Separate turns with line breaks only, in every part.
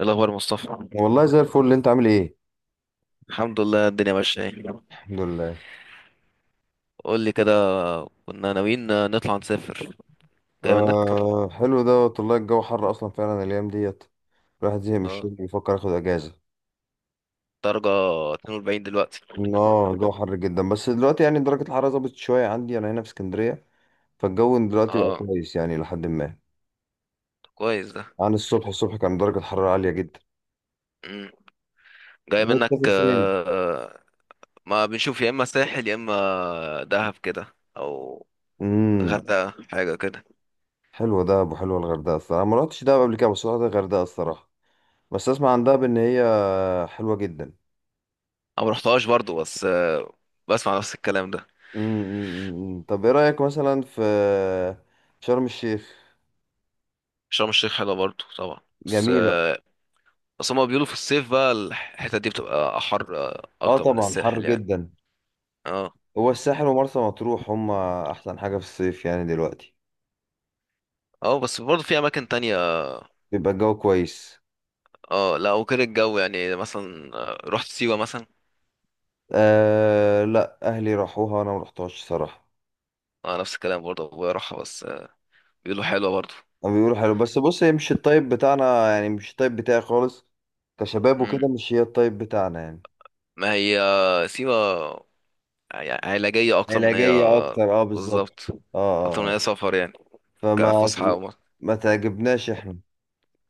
إيه الأخبار يا مصطفى؟
والله زي الفل اللي انت عامل ايه.
الحمد لله، الدنيا ماشية اهي.
الحمد لله.
قول لي كده. كنا ناويين نطلع نسافر. جاي منك.
آه، حلو دوت والله الجو حر اصلا فعلا الايام ديت. الواحد زهق من الشغل
اه.
بيفكر ياخد اجازه.
درجة 42 دلوقتي.
اه، الجو حر جدا، بس دلوقتي يعني درجه الحراره ظبطت شويه عندي انا هنا في اسكندريه. فالجو دلوقتي بقى
اه،
كويس يعني لحد ما.
كويس ده.
عن الصبح، الصبح كان درجه الحراره عاليه جدا.
مم. جاي
ده
منك
تسافر فين؟
آه، آه، ما بنشوف يا اما ساحل يا اما دهب كده او
امم.
غردقة حاجة كده.
حلوه دهب وحلوه الغردقه الصراحه، ما رحتش دهب قبل كده بس رحت الغردقه الصراحه. بس اسمع عن دهب ان هي حلوه جدا.
انا مرحتهاش برضو، بس بسمع نفس الكلام ده.
مم، مم، مم. طب ايه رأيك مثلا في شرم الشيخ؟
شرم الشيخ حلوة برضو طبعا. بس
جميلة.
آه، بس هما بيقولوا في الصيف بقى الحتة دي بتبقى أحر
اه
أكتر من
طبعا حر
الساحل يعني.
جدا.
اه،
هو الساحل ومرسى مطروح هما احسن حاجة في الصيف يعني دلوقتي
اه. بس برضه في أماكن تانية.
بيبقى الجو كويس.
اه، لا وكده الجو يعني مثلا رحت سيوة مثلا.
آه، لا اهلي راحوها انا ما رحتهاش صراحة.
اه، نفس الكلام برضه ابويا راحها، بس بيقولوا حلوة برضه.
هما بيقولوا حلو، بس بص هي مش الطيب بتاعنا يعني مش الطيب بتاعي خالص. كشباب وكده
مم.
مش هي الطيب بتاعنا يعني.
ما هي سيوة يعني علاجية أكتر من هي.
علاجية اكتر، اه، بالظبط.
بالظبط.
اه، اه،
أكتر من هي
آه.
سفر يعني،
فما
كفسحة أو...
ما تعجبناش احنا.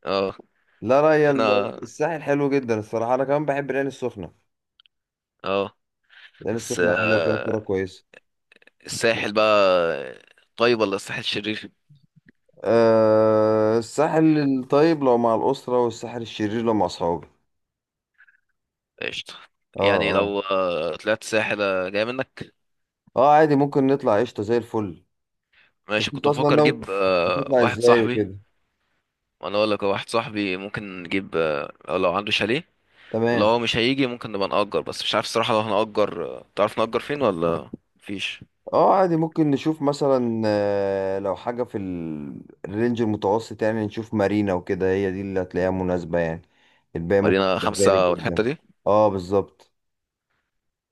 اه.
لا لا، هي
احنا.
الساحل حلو جدا الصراحة، أنا كمان بحب العين السخنة.
اه.
العين
بس
السخنة حلوة فيها كورة
آه،
كويسة.
الساحل بقى طيب ولا الساحل شرير؟
أه، الساحل الطيب لو مع الأسرة والساحل الشرير لو مع أصحابي.
قشطة.
اه
يعني
اه
لو طلعت ساحل جاي منك.
اه، عادي ممكن نطلع قشطة زي الفل. بس
ماشي،
أنت
كنت
أصلا
بفكر
ناوي
اجيب
هتطلع
واحد
إزاي
صاحبي.
وكده.
انا اقول لك هو واحد صاحبي ممكن نجيب لو عنده شاليه. ولو
تمام.
هو مش هيجي ممكن نبقى نأجر، بس مش عارف الصراحة لو هنأجر تعرف نأجر فين ولا مفيش.
اه عادي ممكن نشوف مثلا، لو حاجة في الرينج المتوسط يعني، نشوف مارينا وكده هي دي اللي هتلاقيها مناسبة يعني. الباقي ممكن
مارينا
تبقى غالي
خمسة والحتة
جدا.
دي.
اه بالظبط.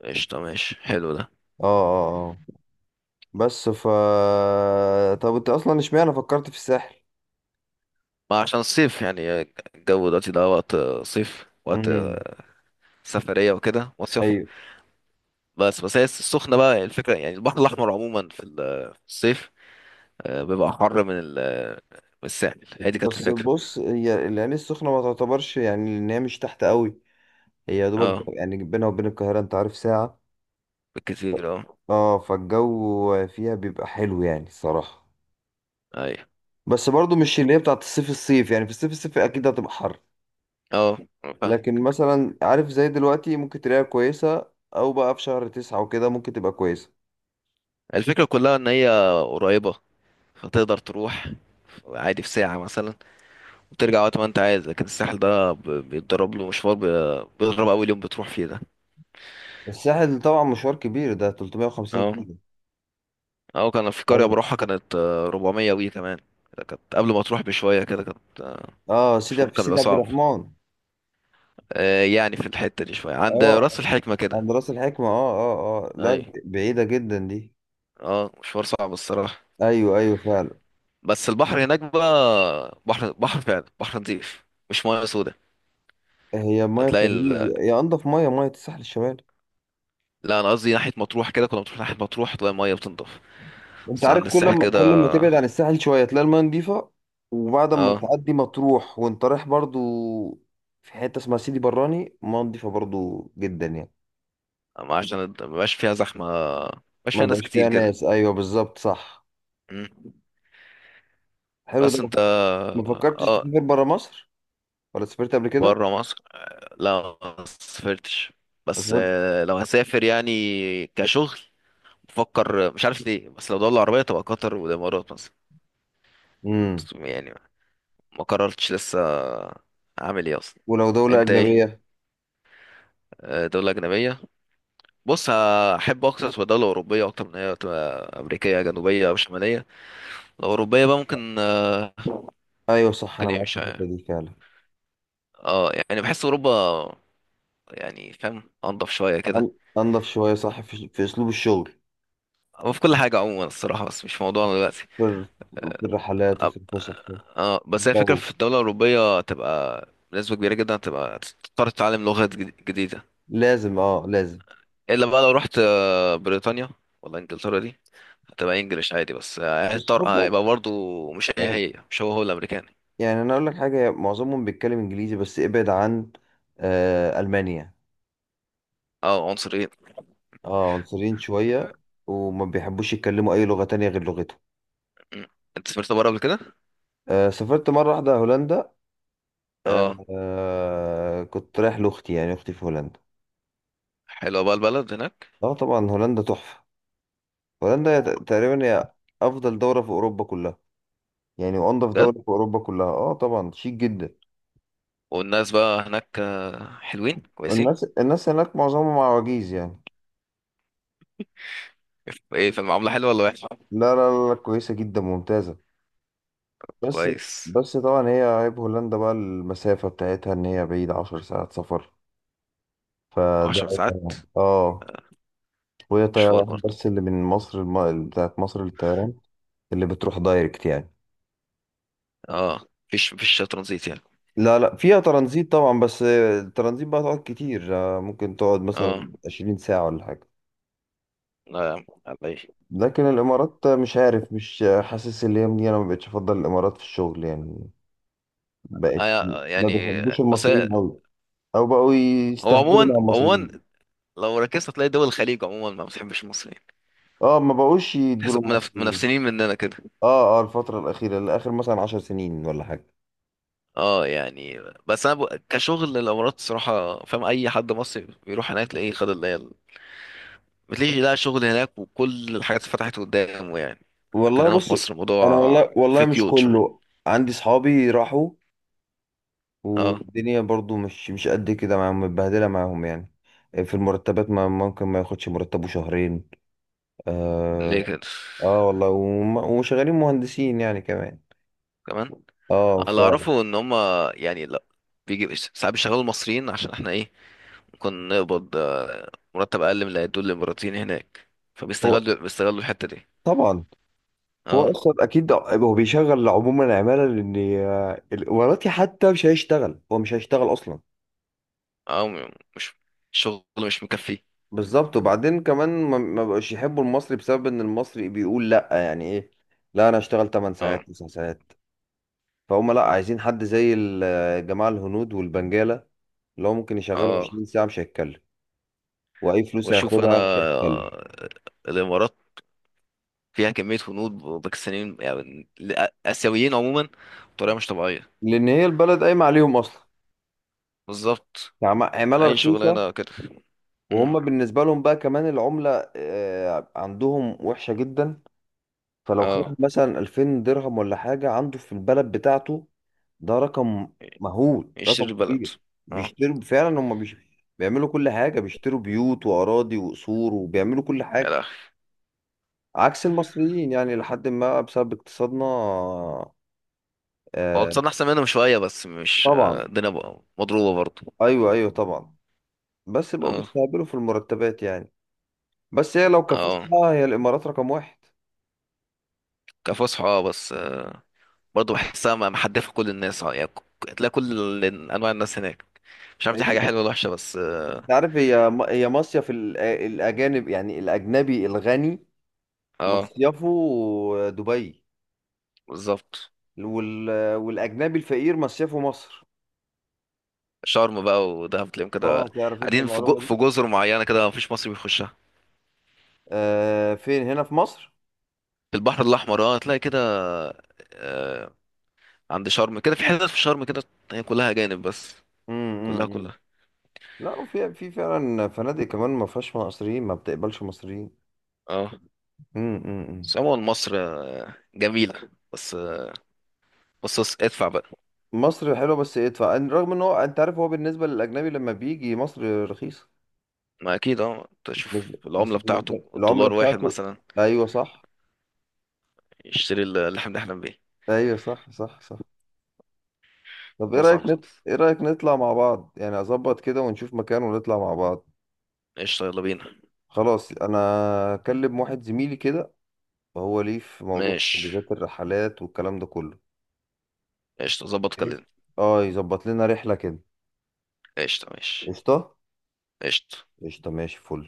قشطة، ماشي، حلو ده.
اه اه اه. بس طب انت اصلا اشمعنى فكرت في الساحل؟
ما عشان الصيف يعني الجو دلوقتي ده وقت صيف، وقت
امم.
سفرية وكده مصيف.
ايوه.
بس بس هي السخنة بقى الفكرة، يعني البحر الأحمر عموما في الصيف، بيبقى حر من ال- آه، من الساحل. هي دي كانت
بس
الفكرة.
بص هي العين السخنه ما تعتبرش يعني ان هي مش تحت قوي. هي يا دوبك
اه،
يعني بينها وبين القاهره انت عارف ساعه.
بالكتير اه.
اه، فالجو فيها بيبقى حلو يعني الصراحه.
ايوه،
بس برضو مش اللي هي بتاعت الصيف الصيف يعني، في الصيف الصيف اكيد هتبقى حر.
اه، فاهم.
لكن مثلا عارف زي دلوقتي ممكن تلاقيها كويسه، او بقى في شهر 9 وكده ممكن تبقى كويسه.
الفكرة كلها ان هي قريبة فتقدر تروح عادي في ساعة مثلا وترجع وقت ما انت عايز، لكن الساحل ده بيتضرب له مشوار، بيضرب اول يوم بتروح فيه ده.
الساحل طبعا مشوار كبير، ده 350
اه،
كيلو.
اه. كان في قرية بروحها كانت 400 وي كمان. كانت قبل ما تروح بشوية كده، كانت.
اه، سيدي
مشوار
في
كان بيبقى
سيدي عبد
صعب.
الرحمن.
يعني في الحتة دي شوية عند
اه،
راس الحكمة كده.
عند راس الحكمة. اه اه اه،
اي،
لا بعيدة جدا دي.
اه، مشوار صعب الصراحة.
ايوه ايوه فعلا.
بس البحر هناك بقى بحر بحر فعلا، بحر نظيف، مش مياه سودة.
هي مية
هتلاقي.
فيروز، هي انضف مية، مية الساحل الشمالي.
لا، انا قصدي ناحيه مطروح، كده كنا بنروح ناحيه مطروح تلاقي الميه بتنضف.
انت
بس عند
عارف كل
الساحل
ما كل ما
كده.
تبعد عن الساحل شوية تلاقي المية نضيفة. وبعد ما
اه.
تعدي مطروح وانت رايح برضو، في حتة اسمها سيدي براني، مية نضيفة برضو جدا يعني.
أما عشان مبقاش فيها زحمه، مبقاش
ما
فيها ناس
بقاش
كتير
فيها
كده.
ناس، ايوه بالظبط صح.
مم.
حلو ده.
بس انت.
ما فكرتش
اه.
تسافر برا مصر ولا سافرت قبل كده؟
بره مصر، لا ما سافرتش.
ما
بس
سافرت-
آه، لو هسافر يعني كشغل، بفكر مش عارف ليه، بس لو دولة عربية تبقى قطر والامارات مثلا.
امم.
بس يعني ما قررتش لسه اعمل ايه اصلا.
ولو دولة
انت ايه؟
أجنبية؟
دولة أجنبية. بص، احب اقصص بدولة أوروبية أكتر من هي تبقى أمريكية جنوبية أو شمالية. الأوروبية بقى ممكن آه،
ايوه صح،
ممكن
انا
إيه
معاك في
مش
الحته
عارف.
دي فعلا.
اه، يعني بحس أوروبا يعني، فاهم، أنضف شوية كده.
أن- انضف شويه صح في اسلوب الشغل.
هو في كل حاجة عموما الصراحة، بس مش موضوعنا دلوقتي.
في في الرحلات
اه.
وفي الفسح وفي
بس هي فكرة
الجو.
في الدولة الأوروبية تبقى بنسبة كبيرة جدا تبقى تضطر تتعلم لغات جديدة.
لازم، لازم.
إلا بقى لو رحت بريطانيا ولا إنجلترا دي هتبقى إنجليش عادي، بس
بس خد
هتضطر
بالك.
هيبقى برضه مش هي
يعني
هي مش هو الأمريكاني.
يعني انا اقول لك حاجه، معظمهم بيتكلم انجليزي بس ابعد عن المانيا.
اه، عنصر.
اه، عنصريين شويه، وما بيحبوش يتكلموا اي لغه تانية غير لغتهم.
مم. انت سافرت بره قبل كده؟
آه سافرت مره واحده هولندا. آه.
اه.
كنت رايح لاختي يعني، اختي في هولندا.
حلوه بقى البلد هناك؟
اه طبعا هولندا تحفه. هولندا تقريبا هي افضل دوله في اوروبا كلها يعني، وانضف
بجد.
دولة في اوروبا كلها. اه طبعا شيك جدا.
والناس بقى هناك حلوين كويسين.
والناس هناك معظمهم عواجيز يعني.
ايه، في المعامله حلوه ولا وحشه؟
لا لا لا، كويسة جدا ممتازة. بس
كويس.
بس طبعا هي عيب هولندا بقى المسافة بتاعتها ان هي بعيدة 10 ساعات سفر. فده
عشر
عيب
ساعات
طبعاً. اه. وهي
مشوار
طيران
برضه.
بس، اللي من مصر بتاعت مصر للطيران اللي بتروح دايركت يعني.
اه، مفيش ترانزيت يعني.
لا لا فيها ترانزيت طبعا، بس الترانزيت بقى تقعد كتير، ممكن تقعد
اه،
مثلا 20 ساعة ولا حاجة.
لا يا عم، على ايه.
لكن الامارات مش عارف، مش حاسس اللي هي مني، انا ما بقتش افضل الامارات في الشغل يعني. بقت. ما
يعني.
بيحبوش
بس
المصريين
هي-
قوي، او بقوا
هو
يستهبلوا
عموما
مع
عموما
المصريين.
لو ركزت هتلاقي دول الخليج عموما ما بتحبش المصريين.
اه، ما بقوش يدوا
تحس
المصريين.
منافسين مننا كده.
اه اه، الفتره الاخيره، الاخر مثلا 10 سنين ولا حاجه.
اه، يعني. بس انا كشغل الامارات الصراحه، فاهم اي حد مصري بيروح هناك تلاقيه خد اللي هي، بتلاقي لقى شغل هناك وكل الحاجات اتفتحت قدامه يعني. لكن
والله
هنا في
بص.
مصر
انا
الموضوع
والله والله
في
مش
قيود شوية.
كله. عندي صحابي راحوا،
اه،
والدنيا برضو مش قد كده معاهم، متبهدله معاهم يعني. في المرتبات، ما ممكن ما ياخدش مرتبه شهرين.
ليه
آه،
كده؟
اه والله وشغالين مهندسين يعني كمان.
كمان.
اه
اللي اعرفه ان هما يعني لا، بيجي ساعات بيشغلوا المصريين عشان احنا ايه، ممكن نقبض مرتب اقل من اللي هيدوه الاماراتيين هناك،
هو
فبيستغلوا الحتة دي.
طبعا، هو
اه،
اصلا اكيد هو بيشغل عموما العماله، لان الاماراتي حتى مش هيشتغل، هو مش هيشتغل اصلا.
اه. مش الشغل مش مكفي.
بالظبط، وبعدين كمان ما بقوش يحبوا المصري بسبب ان المصري بيقول لا، يعني ايه. لا، انا اشتغل 8
اه،
ساعات 9 ساعات. فهم لا عايزين حد زي الجماعه الهنود والبنجاله، اللي هو ممكن يشغله
اه.
20 ساعه مش هيتكلم، واي فلوس
واشوف انا
هياخدها مش هيتكلم.
الامارات فيها كمية هنود باكستانيين يعني آسيويين عموما بطريقة مش طبيعية.
لان هي البلد قايمه عليهم اصلا.
بالظبط،
عمالة
أي
رخيصة.
شغلانة كده. مم.
وهم بالنسبة لهم بقى كمان العملة، عندهم وحشة جدا. فلو خد
اه،
مثلا 2000 درهم ولا حاجة، عنده في البلد بتاعته ده رقم مهول،
يشتري
رقم
البلد.
كبير.
اه،
بيشتروا فعلا هم. بيعملوا كل حاجة، بيشتروا بيوت وأراضي وقصور وبيعملوا كل
يا
حاجة.
لهوي.
عكس المصريين يعني لحد ما بسبب اقتصادنا.
هو
آه،
اقتصادنا أحسن منهم شوية، بس مش
طبعا.
الدنيا بقى مضروبة برضه.
أيوه أيوه طبعا. بس بقوا
اه،
بيستهبلوا في المرتبات يعني. بس هي لو
اه.
كفلتها، هي الإمارات رقم واحد.
كفصحى اه، بس برضه بحسها محدفة كل الناس اه، يعني تلاقي كل أنواع الناس هناك. مش عارف دي
هي
حاجة حلوة ولا وحشة، بس اه.
انت عارف، هي مصيف الاجانب يعني الاجنبي الغني
آه،
مصيفه دبي.
بالظبط.
وال... والاجنبي الفقير مصيفه مصر.
شرم بقى ودهب تلاقيهم كده،
اه، تعرف انت
قاعدين في
المعلومه دي؟
في جزر معينة كده مفيش مصري بيخشها.
آه، فين هنا في مصر؟
في البحر الأحمر اه، هتلاقي كده. آه عند شرم كده، في حتت في شرم كده هي كلها أجانب بس.
امم امم،
كلها
امم.
كلها.
لا، وفي فعلا فنادق كمان ما فيهاش مصريين، ما بتقبلش مصريين.
اه.
امم امم، امم.
بس عموما مصر جميلة، بس بس بس ادفع بقى.
مصر حلوه بس ادفع، رغم ان هو انت عارف، هو بالنسبه للاجنبي لما بيجي مصر رخيصه.
ما أكيد اه، تشوف
بس
العملة بتاعته
بالنسبه العمله
الدولار واحد
بتاعته.
مثلا،
ايوه صح،
يشتري اللي احنا بنحلم بيه.
ايوه صح صح صح. طب ايه
حاجة
رأيك،
صعبة خالص.
ايه رأيك نطلع مع بعض يعني، اظبط كده ونشوف مكان ونطلع مع بعض.
قشطة، يلا بينا.
خلاص، انا اكلم واحد زميلي كده وهو ليه في موضوع
ماشي،
حجوزات الرحلات والكلام ده كله،
قشطة، ظبط
بحيث
كلمني.
اه يظبط لنا رحلة كده.
قشطة، ماشي،
قشطة
قشطة.
قشطة، ماشي فل.